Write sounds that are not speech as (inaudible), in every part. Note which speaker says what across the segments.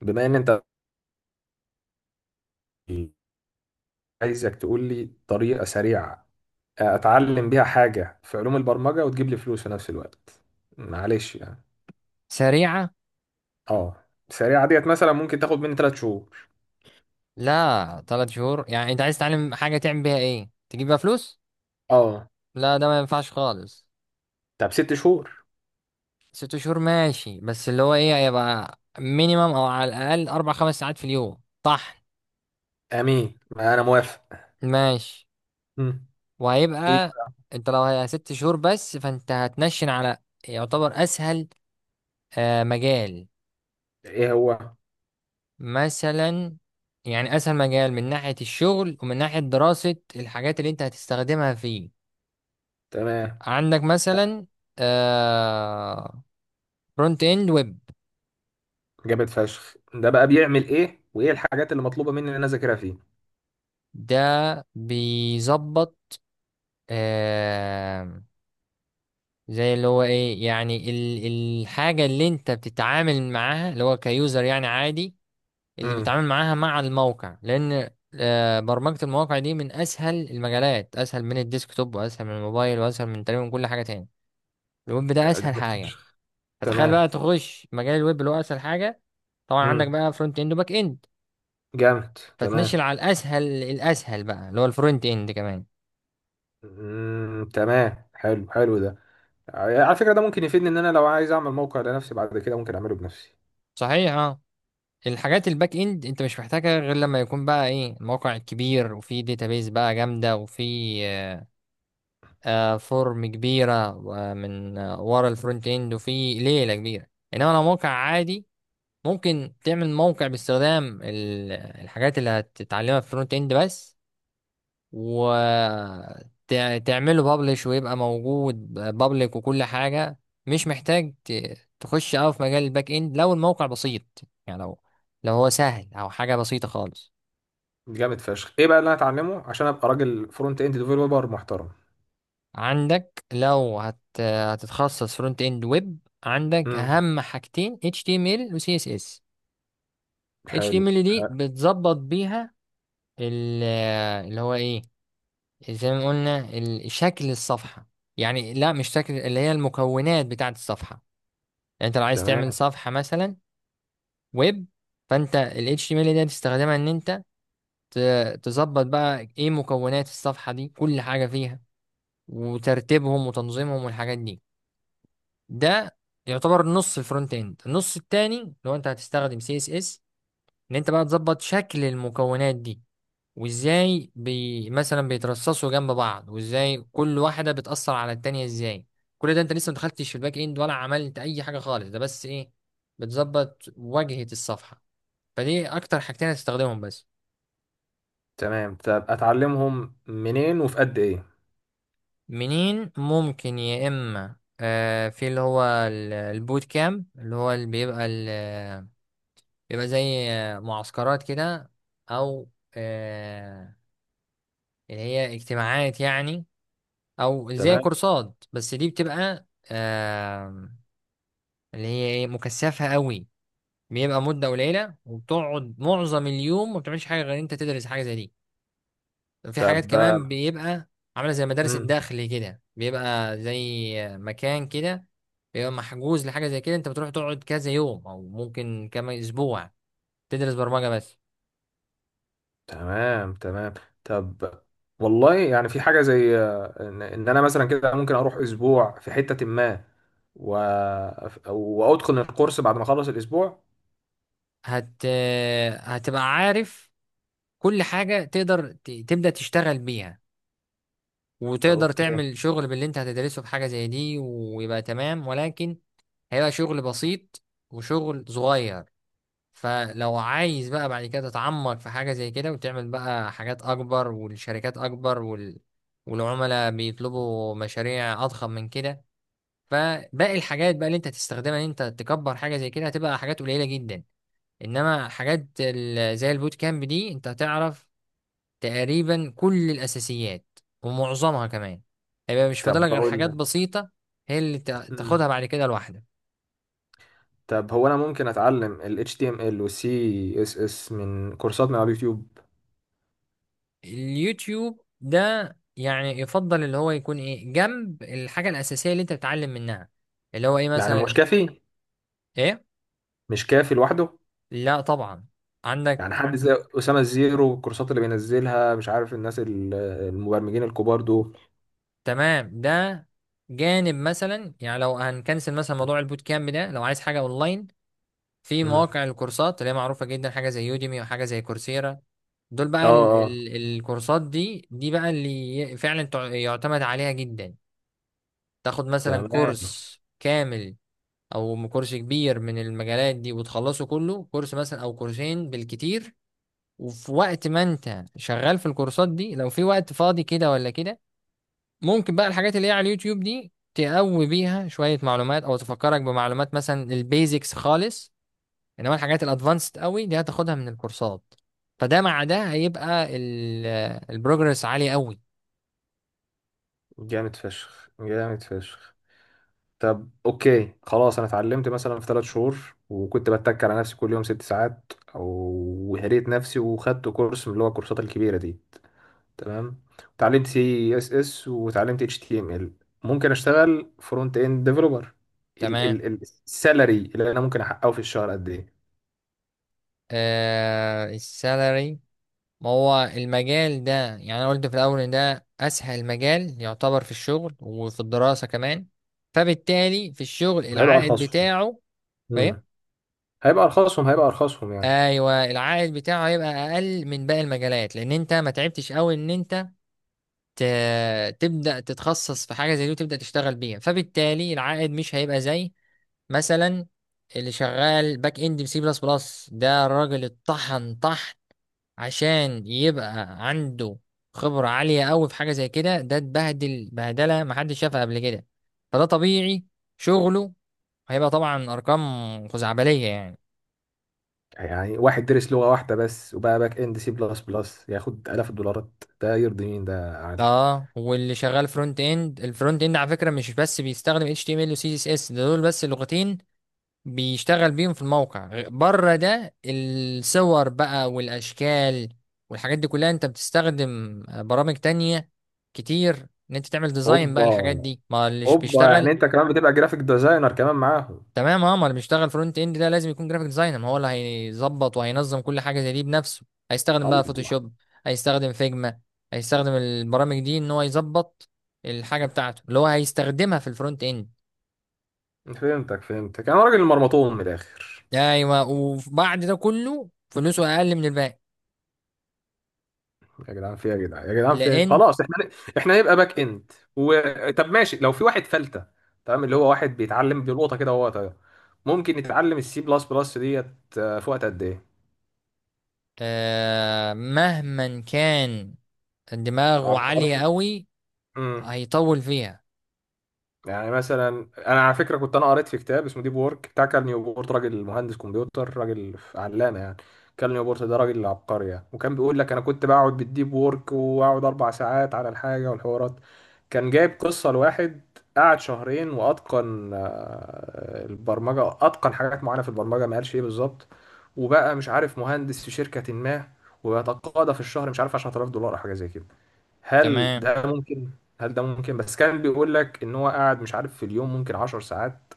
Speaker 1: بما ان انت عايزك تقول لي طريقة سريعة اتعلم بيها حاجة في علوم البرمجة وتجيب لي فلوس في نفس الوقت. معلش يعني.
Speaker 2: سريعة.
Speaker 1: اه. سريعة ديت مثلا ممكن تاخد مني 3 شهور.
Speaker 2: لا ثلاث شهور، يعني انت عايز تتعلم حاجة تعمل بيها ايه تجيب بيها فلوس.
Speaker 1: اه.
Speaker 2: لا ده ما ينفعش خالص.
Speaker 1: طب 6 شهور.
Speaker 2: ست شهور ماشي، بس اللي هو ايه هيبقى مينيمم او على الاقل اربع خمس ساعات في اليوم طحن.
Speaker 1: امين ما انا موافق.
Speaker 2: ماشي.
Speaker 1: مم. ايه.
Speaker 2: وهيبقى انت لو هي ست شهور بس فانت هتنشن على يعتبر اسهل. مجال
Speaker 1: ايه هو؟
Speaker 2: مثلا، يعني اسهل مجال من ناحية الشغل ومن ناحية دراسة الحاجات اللي انت هتستخدمها فيه.
Speaker 1: تمام.
Speaker 2: عندك مثلا، آه، فرونت اند ويب.
Speaker 1: جامد فشخ، ده بقى بيعمل ايه وايه الحاجات اللي مطلوبة مني ان انا اذاكرها فيه؟
Speaker 2: ده بيظبط. آه زي اللي هو ايه، يعني الحاجة اللي انت بتتعامل معاها اللي هو كيوزر، يعني عادي اللي
Speaker 1: امم.
Speaker 2: بيتعامل معاها مع الموقع. لان برمجة المواقع دي من اسهل المجالات، اسهل من الديسكتوب واسهل من الموبايل واسهل من تقريبا كل حاجة تاني. الويب ده اسهل
Speaker 1: جامد
Speaker 2: حاجة.
Speaker 1: فشخ.
Speaker 2: فتخيل بقى
Speaker 1: تمام.
Speaker 2: تخش مجال الويب اللي هو اسهل حاجة. طبعا عندك
Speaker 1: امم.
Speaker 2: بقى فرونت اند وباك اند،
Speaker 1: جامد.
Speaker 2: فتنشل
Speaker 1: تمام.
Speaker 2: على الاسهل الاسهل بقى اللي هو الفرونت اند كمان.
Speaker 1: امم. تمام. حلو، حلو ده. على فكرة ده ممكن يفيدني ان انا لو عايز اعمل موقع لنفسي بعد كده، ممكن اعمله بنفسي.
Speaker 2: صحيح اه. الحاجات الباك اند انت مش محتاجها غير لما يكون بقى ايه الموقع الكبير وفي داتابيز بقى جامده وفي فورم كبيره من ورا الفرونت اند وفي ليله كبيره. انما لو موقع عادي، ممكن تعمل موقع باستخدام الحاجات اللي هتتعلمها في الفرونت اند بس، وتعمله بابليش ويبقى موجود بابليك وكل حاجة. مش محتاج تخش أوي في مجال الباك إند لو الموقع بسيط، يعني لو هو سهل أو حاجة بسيطة خالص.
Speaker 1: جامد فشخ. ايه بقى اللي انا اتعلمه عشان ابقى راجل فرونت اند ديفلوبر محترم؟
Speaker 2: عندك لو هتتخصص فرونت إند ويب، عندك
Speaker 1: امم.
Speaker 2: أهم حاجتين HTML و CSS.
Speaker 1: حلو.
Speaker 2: HTML دي
Speaker 1: آه،
Speaker 2: بتظبط بيها ال- اللي هو إيه، زي ما قلنا شكل الصفحة، يعني لا مش شكل، اللي هي المكونات بتاعة الصفحة. يعني انت لو عايز
Speaker 1: تمام.
Speaker 2: تعمل صفحة مثلا ويب، فانت ال HTML دي هتستخدمها ان انت تظبط بقى ايه مكونات الصفحة دي، كل حاجة فيها وترتيبهم وتنظيمهم والحاجات دي. ده يعتبر نص الفرونت اند. النص التاني لو انت هتستخدم CSS، ان انت بقى تظبط شكل المكونات دي، وازاي بي مثلا بيترصصوا جنب بعض، وازاي كل واحدة بتأثر على التانية ازاي. كل ده انت لسه ما دخلتش في الباك اند ولا عملت اي حاجة خالص، ده بس ايه بتظبط واجهة الصفحة. فدي اكتر حاجتين هتستخدمهم بس.
Speaker 1: تمام. طب اتعلمهم منين وفي قد ايه؟
Speaker 2: منين؟ ممكن يا اما في اللي هو البوت كام، اللي هو اللي بيبقى بيبقى زي معسكرات كده، او اللي هي اجتماعات يعني، او زي
Speaker 1: تمام.
Speaker 2: كورسات. بس دي بتبقى اللي هي ايه مكثفة قوي. بيبقى مدة قليلة وبتقعد معظم اليوم ما بتعملش حاجة غير انت تدرس حاجة زي دي. في حاجات كمان
Speaker 1: طب.
Speaker 2: بيبقى عاملة زي مدارس
Speaker 1: امم.
Speaker 2: الداخل كده، بيبقى زي مكان كده بيبقى محجوز لحاجة زي كده، انت بتروح تقعد كذا يوم او ممكن كمان اسبوع تدرس برمجة بس.
Speaker 1: تمام. تمام. طب. والله يعني، في حاجة زي آه، ان إن انا مثلا كده ممكن اروح اسبوع في حتة ما و... وادخل الكورس بعد ما اخلص الاسبوع.
Speaker 2: هت هتبقى عارف كل حاجة، تقدر ت... تبدأ تشتغل بيها، وتقدر
Speaker 1: اوكي.
Speaker 2: تعمل شغل باللي انت هتدرسه في حاجة زي دي ويبقى تمام، ولكن هيبقى شغل بسيط وشغل صغير. فلو عايز بقى بعد كده تتعمق في حاجة زي كده وتعمل بقى حاجات أكبر والشركات أكبر وال... والعملاء بيطلبوا مشاريع أضخم من كده، فباقي الحاجات بقى اللي أنت هتستخدمها إن أنت تكبر حاجة زي كده هتبقى حاجات قليلة جدا. إنما حاجات ال... زي البوت كامب دي أنت هتعرف تقريبا كل الأساسيات ومعظمها كمان، هيبقى مش
Speaker 1: طب
Speaker 2: فاضلك غير حاجات
Speaker 1: بقول
Speaker 2: بسيطة هي اللي
Speaker 1: لك.
Speaker 2: تاخدها بعد كده لوحدك.
Speaker 1: طب هو انا ممكن اتعلم ال HTML وال CSS من كورسات من على اليوتيوب؟
Speaker 2: اليوتيوب ده يعني يفضل اللي هو يكون ايه جنب الحاجة الأساسية اللي انت بتتعلم منها، اللي هو ايه
Speaker 1: يعني مش
Speaker 2: مثلا.
Speaker 1: كافي؟
Speaker 2: ايه؟
Speaker 1: مش كافي لوحده.
Speaker 2: لا طبعا.
Speaker 1: يعني
Speaker 2: عندك
Speaker 1: حد زي أسامة الزيرو والكورسات اللي بينزلها مش عارف الناس المبرمجين الكبار دول.
Speaker 2: تمام، ده جانب مثلا. يعني لو هنكنسل مثلا موضوع البوت كامب ده، لو عايز حاجة اونلاين، في
Speaker 1: مم.
Speaker 2: مواقع الكورسات اللي هي معروفة جدا، حاجة زي يوديمي وحاجة زي كورسيرا. دول
Speaker 1: اه.
Speaker 2: بقى ال
Speaker 1: اه.
Speaker 2: ال الكورسات دي، دي بقى اللي فعلا يعتمد عليها جدا. تاخد مثلا
Speaker 1: تمام.
Speaker 2: كورس كامل او كورس كبير من المجالات دي وتخلصه كله، كورس مثلا او كورسين بالكتير. وفي وقت ما انت شغال في الكورسات دي، لو في وقت فاضي كده ولا كده، ممكن بقى الحاجات اللي هي على اليوتيوب دي تقوي بيها شوية معلومات او تفكرك بمعلومات، مثلا البيزكس خالص. انما الحاجات الادفانسد قوي دي هتاخدها من الكورسات. فده مع ده هيبقى البروجرس عالي قوي.
Speaker 1: جامد فشخ، جامد فشخ. طب اوكي خلاص، انا اتعلمت مثلا في 3 شهور وكنت بتك على نفسي كل يوم 6 ساعات وهريت نفسي وخدت كورس من اللي هو الكورسات الكبيره دي. تمام. وتعلمت سي اس اس وتعلمت اتش تي ام ال. ممكن اشتغل فرونت اند ديفلوبر؟
Speaker 2: تمام.
Speaker 1: السالري اللي انا ممكن احققه في الشهر قد ايه؟
Speaker 2: السالري. ما هو المجال ده، يعني انا قلت في الاول ان ده اسهل مجال يعتبر في الشغل وفي الدراسه كمان، فبالتالي في الشغل
Speaker 1: هيبقى
Speaker 2: العائد
Speaker 1: ارخصهم.
Speaker 2: بتاعه. فاهم.
Speaker 1: امم. هيبقى ارخصهم، هيبقى ارخصهم يعني.
Speaker 2: ايوه، العائد بتاعه هيبقى اقل من باقي المجالات، لان انت ما تعبتش قوي ان انت ت... تبدا تتخصص في حاجه زي دي وتبدا تشتغل بيها، فبالتالي العائد مش هيبقى زي مثلا اللي شغال باك اند بسي بلس بلس. ده الراجل اتطحن طحن عشان يبقى عنده خبرة عالية قوي في حاجة زي كده. ده اتبهدل بهدلة محدش شافها قبل كده. فده طبيعي شغله هيبقى طبعا أرقام خزعبلية يعني.
Speaker 1: يعني واحد درس لغة واحدة بس وبقى باك اند سي بلس بلس ياخد آلاف الدولارات، ده يرضي مين ده يا عالم؟
Speaker 2: اه، واللي شغال فرونت اند، الفرونت اند على فكرة مش بس بيستخدم HTML و CSS. ده دول بس لغتين بيشتغل بيهم في الموقع. بره ده الصور بقى والأشكال والحاجات دي كلها انت بتستخدم برامج تانية كتير ان انت تعمل ديزاين بقى
Speaker 1: اوبا.
Speaker 2: الحاجات دي، ما الليش
Speaker 1: اوبا،
Speaker 2: بيشتغل
Speaker 1: يعني انت كمان بتبقى جرافيك ديزاينر كمان معاهم؟
Speaker 2: تمام. اه، ما اللي بيشتغل فرونت اند ده لازم يكون جرافيك ديزاينر، ما هو اللي هيظبط وهينظم كل حاجه زي دي بنفسه. هيستخدم بقى
Speaker 1: الله.
Speaker 2: فوتوشوب، هيستخدم فيجما، هيستخدم البرامج دي ان هو يظبط الحاجه بتاعته اللي هو هيستخدمها في الفرونت اند.
Speaker 1: فهمتك، فهمتك. انا راجل مرمطون من الاخر.
Speaker 2: ايوه، وبعد ده كله فلوسه اقل من الباقي،
Speaker 1: يا جدعان فيها، يا جدعان، يا جدعان فيها،
Speaker 2: لان
Speaker 1: خلاص احنا. احنا هنبقى باك اند طب ماشي، لو في واحد فلتة، تمام، اللي هو واحد بيتعلم بيلقطها كده وهو طاير، ممكن يتعلم السي بلس بلس ديت في وقت قد ايه؟
Speaker 2: مهما كان دماغه عاليه
Speaker 1: عبقري.
Speaker 2: قوي
Speaker 1: امم.
Speaker 2: هيطول فيها.
Speaker 1: يعني مثلا انا على فكره، كنت انا قريت في كتاب اسمه ديب وورك بتاع كال نيوبورت، راجل مهندس كمبيوتر، راجل علامه يعني. كال نيوبورت ده راجل عبقري يعني. وكان بيقول لك انا كنت بقعد بالديب وورك واقعد 4 ساعات على الحاجه والحوارات. كان جايب قصه لواحد، قعد شهرين واتقن البرمجه، اتقن حاجات معينه في البرمجه ما قالش ايه بالظبط، وبقى مش عارف مهندس في شركه ما ويتقاضى في الشهر مش عارف 10,000 دولار او حاجه زي كده. هل
Speaker 2: تمام.
Speaker 1: ده ممكن؟ هل ده ممكن؟ بس كان بيقول لك ان هو قاعد مش عارف في اليوم ممكن 10 ساعات،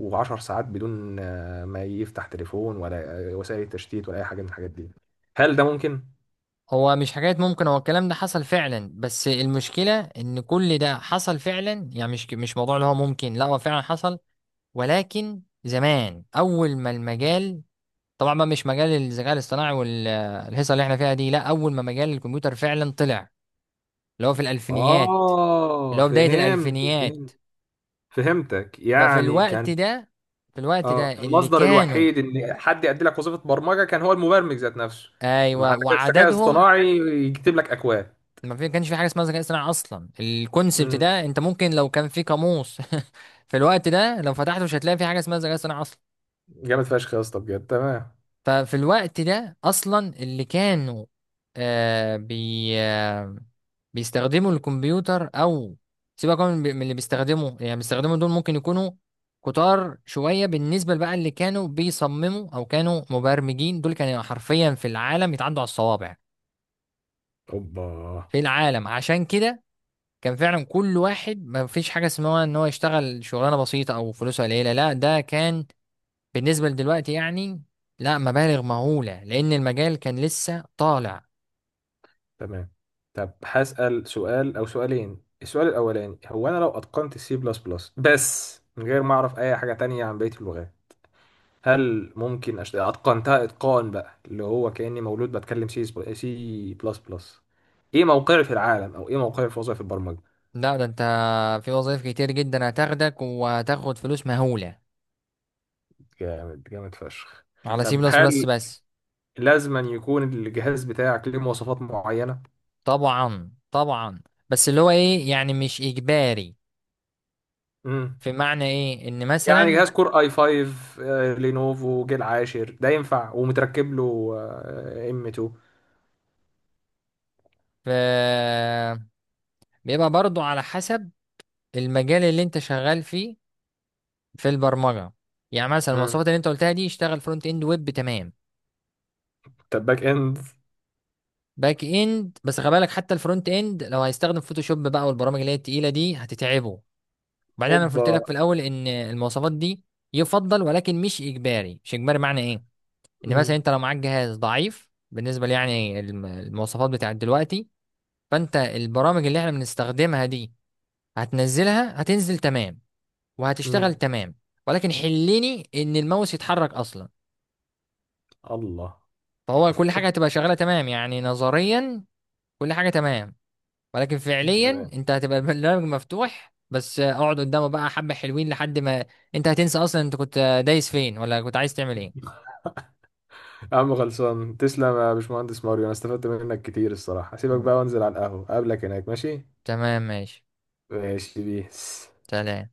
Speaker 1: و10 ساعات بدون ما يفتح تليفون ولا وسائل تشتيت ولا اي حاجه من الحاجات دي. هل ده ممكن؟
Speaker 2: هو مش حكاية ممكن، هو الكلام ده حصل فعلا. بس المشكلة ان كل ده حصل فعلا، يعني مش موضوع اللي هو ممكن، لا هو فعلا حصل. ولكن زمان اول ما المجال، طبعا ما مش مجال الذكاء الاصطناعي والهيصة اللي احنا فيها دي، لا اول ما مجال الكمبيوتر فعلا طلع، اللي هو في الالفينيات، اللي
Speaker 1: اه،
Speaker 2: هو بداية
Speaker 1: فهمت،
Speaker 2: الالفينيات.
Speaker 1: فهمت. فهمتك
Speaker 2: ففي
Speaker 1: يعني
Speaker 2: الوقت
Speaker 1: كان.
Speaker 2: ده، في الوقت ده
Speaker 1: اه،
Speaker 2: اللي
Speaker 1: المصدر
Speaker 2: كانوا،
Speaker 1: الوحيد ان حد يأدي لك وظيفه برمجه كان هو المبرمج ذات نفسه. ما
Speaker 2: ايوه
Speaker 1: عندك الذكاء
Speaker 2: وعددهم،
Speaker 1: الاصطناعي يكتب لك اكواد.
Speaker 2: ما كانش في حاجه اسمها ذكاء اصطناعي اصلا. الكونسبت
Speaker 1: امم.
Speaker 2: ده انت ممكن لو كان في قاموس (laughs) في الوقت ده لو فتحته مش هتلاقي في حاجه اسمها ذكاء اصطناعي اصلا.
Speaker 1: جامد فشخ يا اسطى، بجد تمام.
Speaker 2: ففي الوقت ده اصلا اللي كانوا، آه بي آه بيستخدموا الكمبيوتر، او سيبك من اللي بيستخدموا، يعني بيستخدموا دول ممكن يكونوا كتار شويه. بالنسبه بقى اللي كانوا بيصمموا او كانوا مبرمجين، دول كانوا حرفيا في العالم يتعدوا على الصوابع
Speaker 1: اوبا.
Speaker 2: في العالم. عشان كده كان فعلا كل واحد ما فيش حاجة اسمها ان هو يشتغل شغلانة بسيطة او فلوسه قليلة، لا ده كان بالنسبة لدلوقتي يعني لا، مبالغ مهولة، لان المجال كان لسه طالع.
Speaker 1: تمام. طب هسأل سؤال أو سؤالين. السؤال الأولاني هو أنا لو أتقنت السي بلس بلس بس من غير ما أعرف أي حاجة تانية عن بقية اللغات، هل ممكن أتقنتها إتقان بقى اللي هو كأني مولود بتكلم سي، سي بلس بلس؟ إيه موقعي في العالم أو إيه موقعي في وظائف البرمجة؟
Speaker 2: لا ده انت في وظائف كتير جدا هتاخدك وهتاخد فلوس مهولة
Speaker 1: جامد، جامد فشخ.
Speaker 2: على سي
Speaker 1: طب
Speaker 2: بلس
Speaker 1: هل
Speaker 2: بلس بس.
Speaker 1: لازما يكون الجهاز بتاعك ليه مواصفات معينة؟
Speaker 2: طبعا طبعا، بس اللي هو ايه يعني مش اجباري.
Speaker 1: مم.
Speaker 2: في معنى ايه ان
Speaker 1: يعني
Speaker 2: مثلا،
Speaker 1: جهاز كور اي 5 لينوفو جيل عاشر ده ينفع ومتركب له ام 2؟
Speaker 2: ف- بيبقى برضو على حسب المجال اللي انت شغال فيه في البرمجه. يعني مثلا
Speaker 1: امم.
Speaker 2: المواصفات اللي انت قلتها دي يشتغل فرونت اند ويب تمام.
Speaker 1: طب باك اند؟
Speaker 2: باك اند بس خلي بالك، حتى الفرونت اند لو هيستخدم فوتوشوب بقى والبرامج اللي هي التقيله دي هتتعبه. وبعدين انا قلت
Speaker 1: اوبا.
Speaker 2: لك في الاول ان المواصفات دي يفضل ولكن مش اجباري. مش اجباري معنى ايه، ان مثلا
Speaker 1: امم.
Speaker 2: انت لو معاك جهاز ضعيف بالنسبه لي، يعني المواصفات بتاعت دلوقتي، فانت البرامج اللي احنا بنستخدمها دي هتنزلها، هتنزل تمام وهتشتغل
Speaker 1: امم.
Speaker 2: تمام، ولكن حلني ان الماوس يتحرك اصلا.
Speaker 1: الله.
Speaker 2: فهو كل حاجة هتبقى شغالة تمام، يعني نظريا كل حاجة تمام، ولكن فعليا
Speaker 1: تمام.
Speaker 2: انت هتبقى البرنامج مفتوح بس اقعد قدامه بقى حبة حلوين لحد ما انت هتنسى اصلا انت كنت دايس فين ولا كنت عايز تعمل ايه.
Speaker 1: يا عم خلصان، تسلم يا باشمهندس ماريو، انا استفدت منك كتير الصراحة. هسيبك
Speaker 2: مم.
Speaker 1: بقى وانزل على القهوة، اقابلك هناك ماشي؟
Speaker 2: تمام ماشي.
Speaker 1: ماشي بيس.
Speaker 2: سلام.